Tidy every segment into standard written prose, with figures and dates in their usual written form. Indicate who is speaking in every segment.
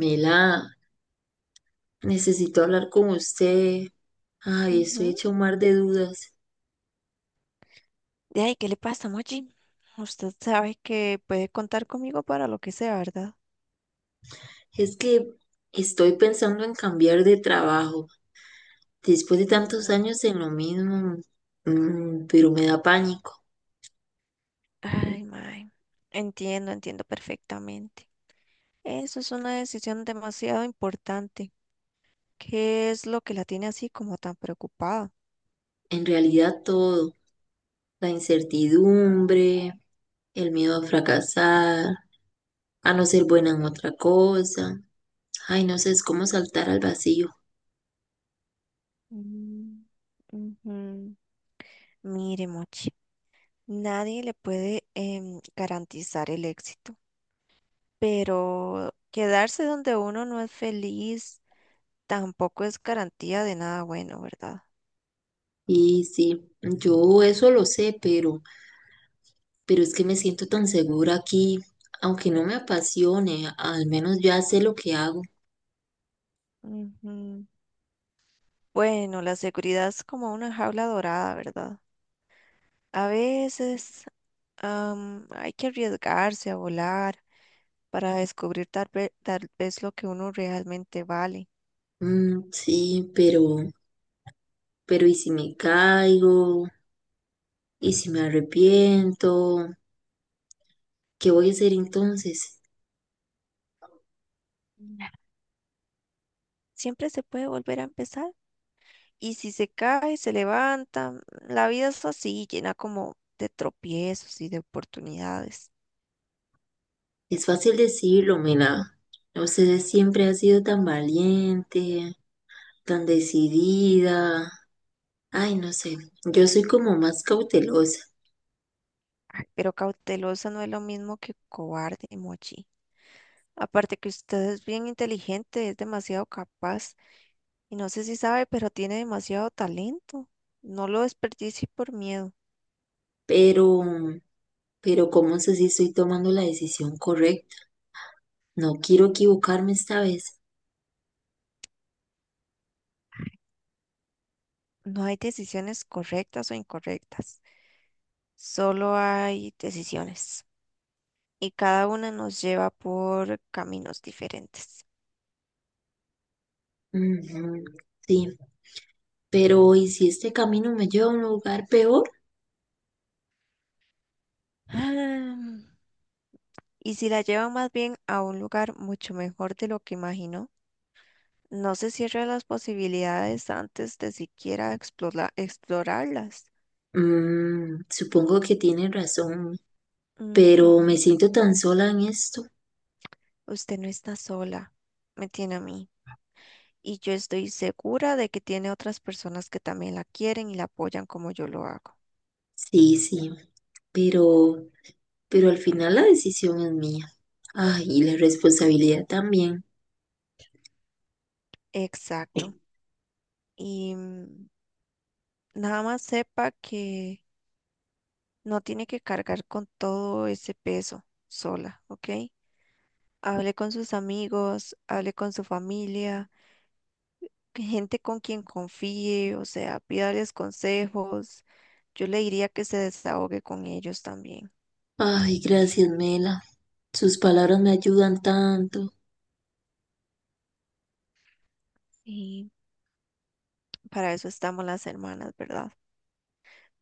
Speaker 1: Mela, necesito hablar con usted. Ay, estoy
Speaker 2: Ujú.
Speaker 1: hecha un mar de dudas.
Speaker 2: De ahí, ¿qué le pasa, Mochi? Usted sabe que puede contar conmigo para lo que sea, ¿verdad?
Speaker 1: Es que estoy pensando en cambiar de trabajo después de tantos
Speaker 2: Ujú.
Speaker 1: años en lo mismo, pero me da pánico.
Speaker 2: Ay, mae. Entiendo, entiendo perfectamente. Eso es una decisión demasiado importante. ¿Qué es lo que la tiene así como tan preocupada?
Speaker 1: En realidad todo, la incertidumbre, el miedo a fracasar, a no ser buena en otra cosa. Ay, no sé, es como saltar al vacío.
Speaker 2: Mm, ujú. Mire, Mochi, nadie le puede garantizar el éxito, pero quedarse donde uno no es feliz tampoco es garantía de nada bueno, ¿verdad?
Speaker 1: Y sí, yo eso lo sé, pero es que me siento tan segura aquí, aunque no me apasione, al menos ya sé lo que hago.
Speaker 2: Ujú. Bueno, la seguridad es como una jaula dorada, ¿verdad? A veces hay que arriesgarse a volar para descubrir tal vez lo que uno realmente vale.
Speaker 1: Mm, sí, pero ¿y si me caigo? ¿Y si me arrepiento? ¿Qué voy a hacer entonces?
Speaker 2: Siempre se puede volver a empezar. Y si se cae, se levanta. La vida es así, llena como de tropiezos y de oportunidades.
Speaker 1: Es fácil decirlo, Mela. Usted siempre ha sido tan valiente, tan decidida. Ay, no sé, yo soy como más cautelosa,
Speaker 2: Ay, pero cautelosa no es lo mismo que cobarde, Mochi. Aparte que usted es bien inteligente, es demasiado capaz. Y no sé si sabe, pero tiene demasiado talento. No lo desperdicie por miedo.
Speaker 1: pero, pero ¿cómo sé si estoy tomando la decisión correcta? No quiero equivocarme esta vez.
Speaker 2: No hay decisiones correctas o incorrectas. Solo hay decisiones. Y cada una nos lleva por caminos diferentes.
Speaker 1: Ujú. Sí, pero ¿y si este camino me lleva a un lugar peor?
Speaker 2: Ah, y si la lleva más bien a un lugar mucho mejor de lo que imaginó, no se cierre a las posibilidades antes de siquiera explorarlas.
Speaker 1: Mm, supongo que tiene razón, pero me
Speaker 2: Ujú.
Speaker 1: siento tan sola en esto.
Speaker 2: Usted no está sola. Me tiene a mí. Y yo estoy segura de que tiene otras personas que también la quieren y la apoyan como yo lo hago.
Speaker 1: Sí, sí, pero, pero al final la decisión es mía. Ay, y la responsabilidad también.
Speaker 2: Exacto. Y nada más sepa que no tiene que cargar con todo ese peso sola, ¿ok? Hable con sus amigos, hable con su familia, que gente con quien confíe, o sea, pídales consejos. Yo le diría que se desahogue con ellos también.
Speaker 1: Ay, gracias, Mela. Sus palabras me ayudan tanto.
Speaker 2: Y para eso estamos las hermanas, ¿verdad?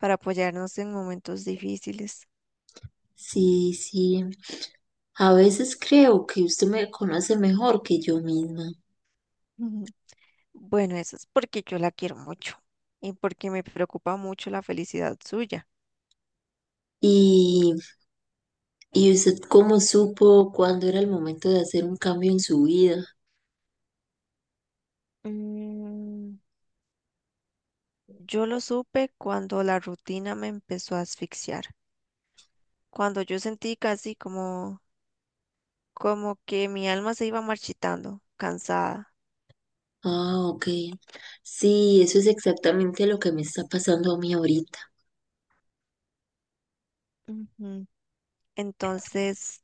Speaker 2: Para apoyarnos en momentos difíciles.
Speaker 1: Sí, sí. A veces creo que usted me conoce mejor que yo misma.
Speaker 2: Bueno, eso es porque yo la quiero mucho y porque me preocupa mucho la felicidad suya.
Speaker 1: ¿Y usted cómo supo cuándo era el momento de hacer un cambio en su vida?
Speaker 2: Mm, yo lo supe cuando la rutina me empezó a asfixiar, cuando yo sentí casi como, como que mi alma se iba marchitando, cansada.
Speaker 1: Ah, ok. Sí, eso es exactamente lo que me está pasando a mí ahorita.
Speaker 2: Ujú. Entonces,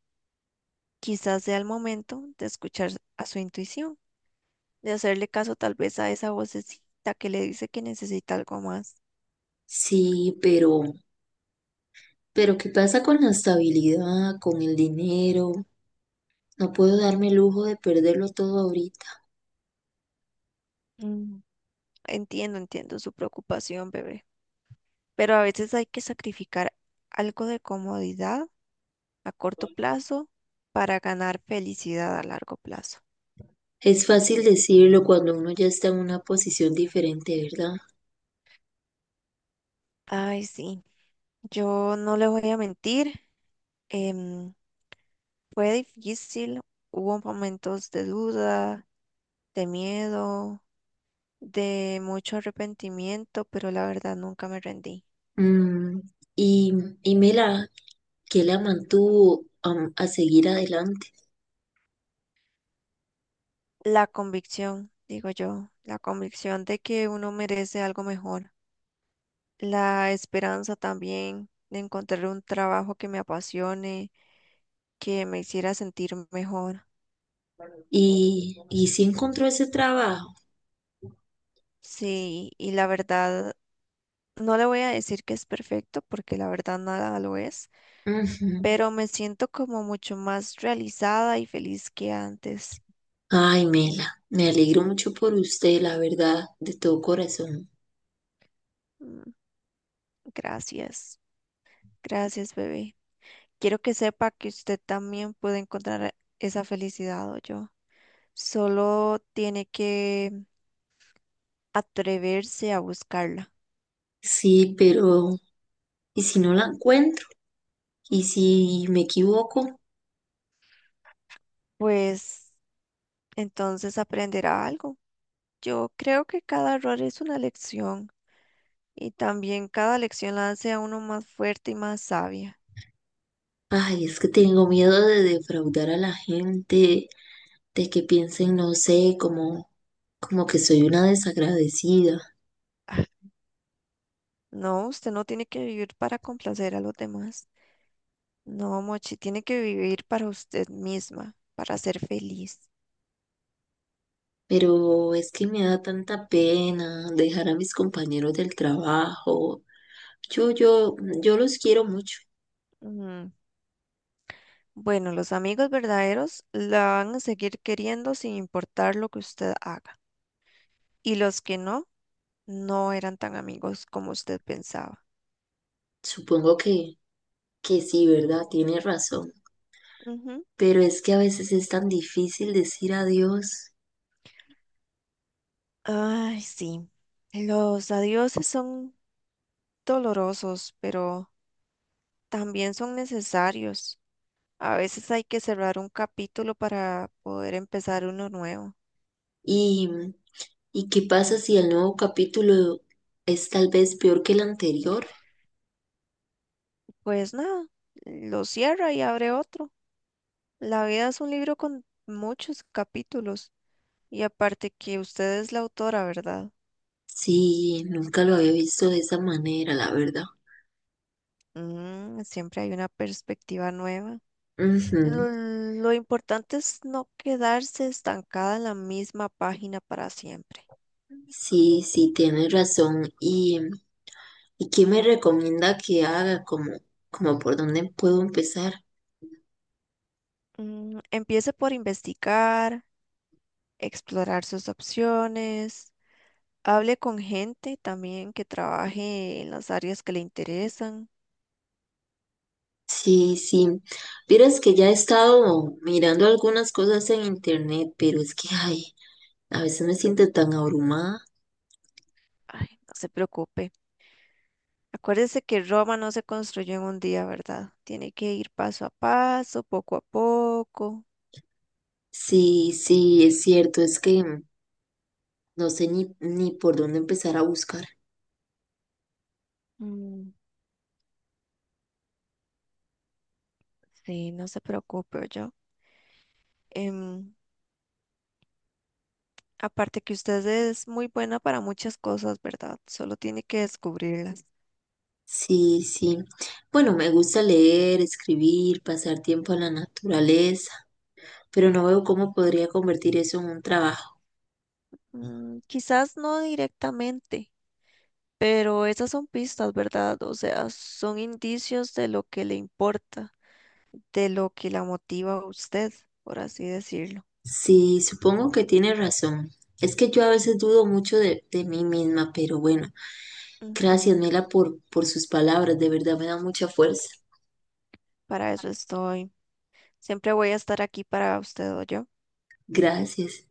Speaker 2: quizás sea el momento de escuchar a su intuición, de hacerle caso tal vez a esa vocecita que le dice que necesita algo más.
Speaker 1: Sí, pero ¿qué pasa con la estabilidad, con el dinero? No puedo darme el lujo de perderlo todo ahorita.
Speaker 2: Mm, entiendo, entiendo su preocupación, bebé. Pero a veces hay que sacrificar algo de comodidad a corto plazo para ganar felicidad a largo plazo.
Speaker 1: Es fácil decirlo cuando uno ya está en una posición diferente, ¿verdad?
Speaker 2: Ay, sí, yo no le voy a mentir, em, fue difícil, hubo momentos de duda, de miedo, de mucho arrepentimiento, pero la verdad nunca me rendí.
Speaker 1: Mm, y, y Mela, ¿qué la mantuvo a, seguir adelante?
Speaker 2: La convicción, digo yo, la convicción de que uno merece algo mejor, la esperanza también de encontrar un trabajo que me apasione que me hiciera sentir mejor.
Speaker 1: ¿Y, si encontró ese trabajo?
Speaker 2: Sí, y la verdad, no le voy a decir que es perfecto porque la verdad nada lo es,
Speaker 1: Ujú.
Speaker 2: pero me siento como mucho más realizada y feliz que antes.
Speaker 1: Ay, Mela, me alegro mucho por usted, la verdad, de todo corazón.
Speaker 2: Mm, gracias, gracias, bebé. Quiero que sepa que usted también puede encontrar esa felicidad o yo. Solo tiene que atreverse a buscarla,
Speaker 1: Sí, pero ¿y si no la encuentro? ¿Y si me equivoco?
Speaker 2: pues entonces aprenderá algo. Yo creo que cada error es una lección. Y también cada lección la hace a uno más fuerte y más sabia.
Speaker 1: Ay, es que tengo miedo de defraudar a la gente, de que piensen, no sé, como, como que soy una desagradecida.
Speaker 2: No, usted no tiene que vivir para complacer a los demás. No, Mochi, tiene que vivir para usted misma, para ser feliz.
Speaker 1: Pero es que me da tanta pena dejar a mis compañeros del trabajo. Yo, yo, yo los quiero mucho.
Speaker 2: Ujú. Bueno, los amigos verdaderos la van a seguir queriendo sin importar lo que usted haga. Y los que no, no eran tan amigos como usted pensaba.
Speaker 1: Supongo que, sí, ¿verdad? Tiene razón.
Speaker 2: Ujú.
Speaker 1: Pero es que a veces es tan difícil decir adiós.
Speaker 2: Ay, sí. Los adioses son dolorosos, pero también son necesarios. A veces hay que cerrar un capítulo para poder empezar uno nuevo.
Speaker 1: ¿Y, qué pasa si el nuevo capítulo es tal vez peor que el anterior?
Speaker 2: Pues nada, lo cierra y abre otro. La vida es un libro con muchos capítulos y aparte que usted es la autora, ¿verdad?
Speaker 1: Sí, nunca lo había visto de esa manera, la verdad.
Speaker 2: Mm, siempre hay una perspectiva nueva.
Speaker 1: Ujú.
Speaker 2: Lo importante es no quedarse estancada en la misma página para siempre.
Speaker 1: Sí, sí, tienes razón. ¿Y, qué me recomienda que haga? Como, como por dónde puedo empezar?
Speaker 2: Mm, empiece por investigar, explorar sus opciones. Hable con gente también que trabaje en las áreas que le interesan.
Speaker 1: Sí, sí. Vieras que ya he estado mirando algunas cosas en internet, pero es que, ay, a veces me siento tan abrumada.
Speaker 2: Ay, no se preocupe. Acuérdese que Roma no se construyó en un día, ¿verdad? Tiene que ir paso a paso, poco a poco.
Speaker 1: Sí, sí, es cierto, es que no sé ni, ni por dónde empezar a buscar.
Speaker 2: Mm, sí, no se preocupe, yo. Em, Aparte que usted es muy buena para muchas cosas, ¿verdad? Solo tiene que descubrirlas.
Speaker 1: Sí, sí. Bueno, me gusta leer, escribir, pasar tiempo en la naturaleza, pero no veo cómo podría convertir eso en un trabajo.
Speaker 2: Mm, quizás no directamente, pero esas son pistas, ¿verdad? O sea, son indicios de lo que le importa, de lo que la motiva a usted, por así decirlo.
Speaker 1: Sí, supongo que tienes razón. Es que yo a veces dudo mucho de mí misma, pero bueno, gracias,
Speaker 2: Ujú,
Speaker 1: Mela, por, sus palabras, de verdad me da mucha fuerza.
Speaker 2: para eso estoy. Siempre voy a estar aquí para usted o yo.
Speaker 1: Gracias.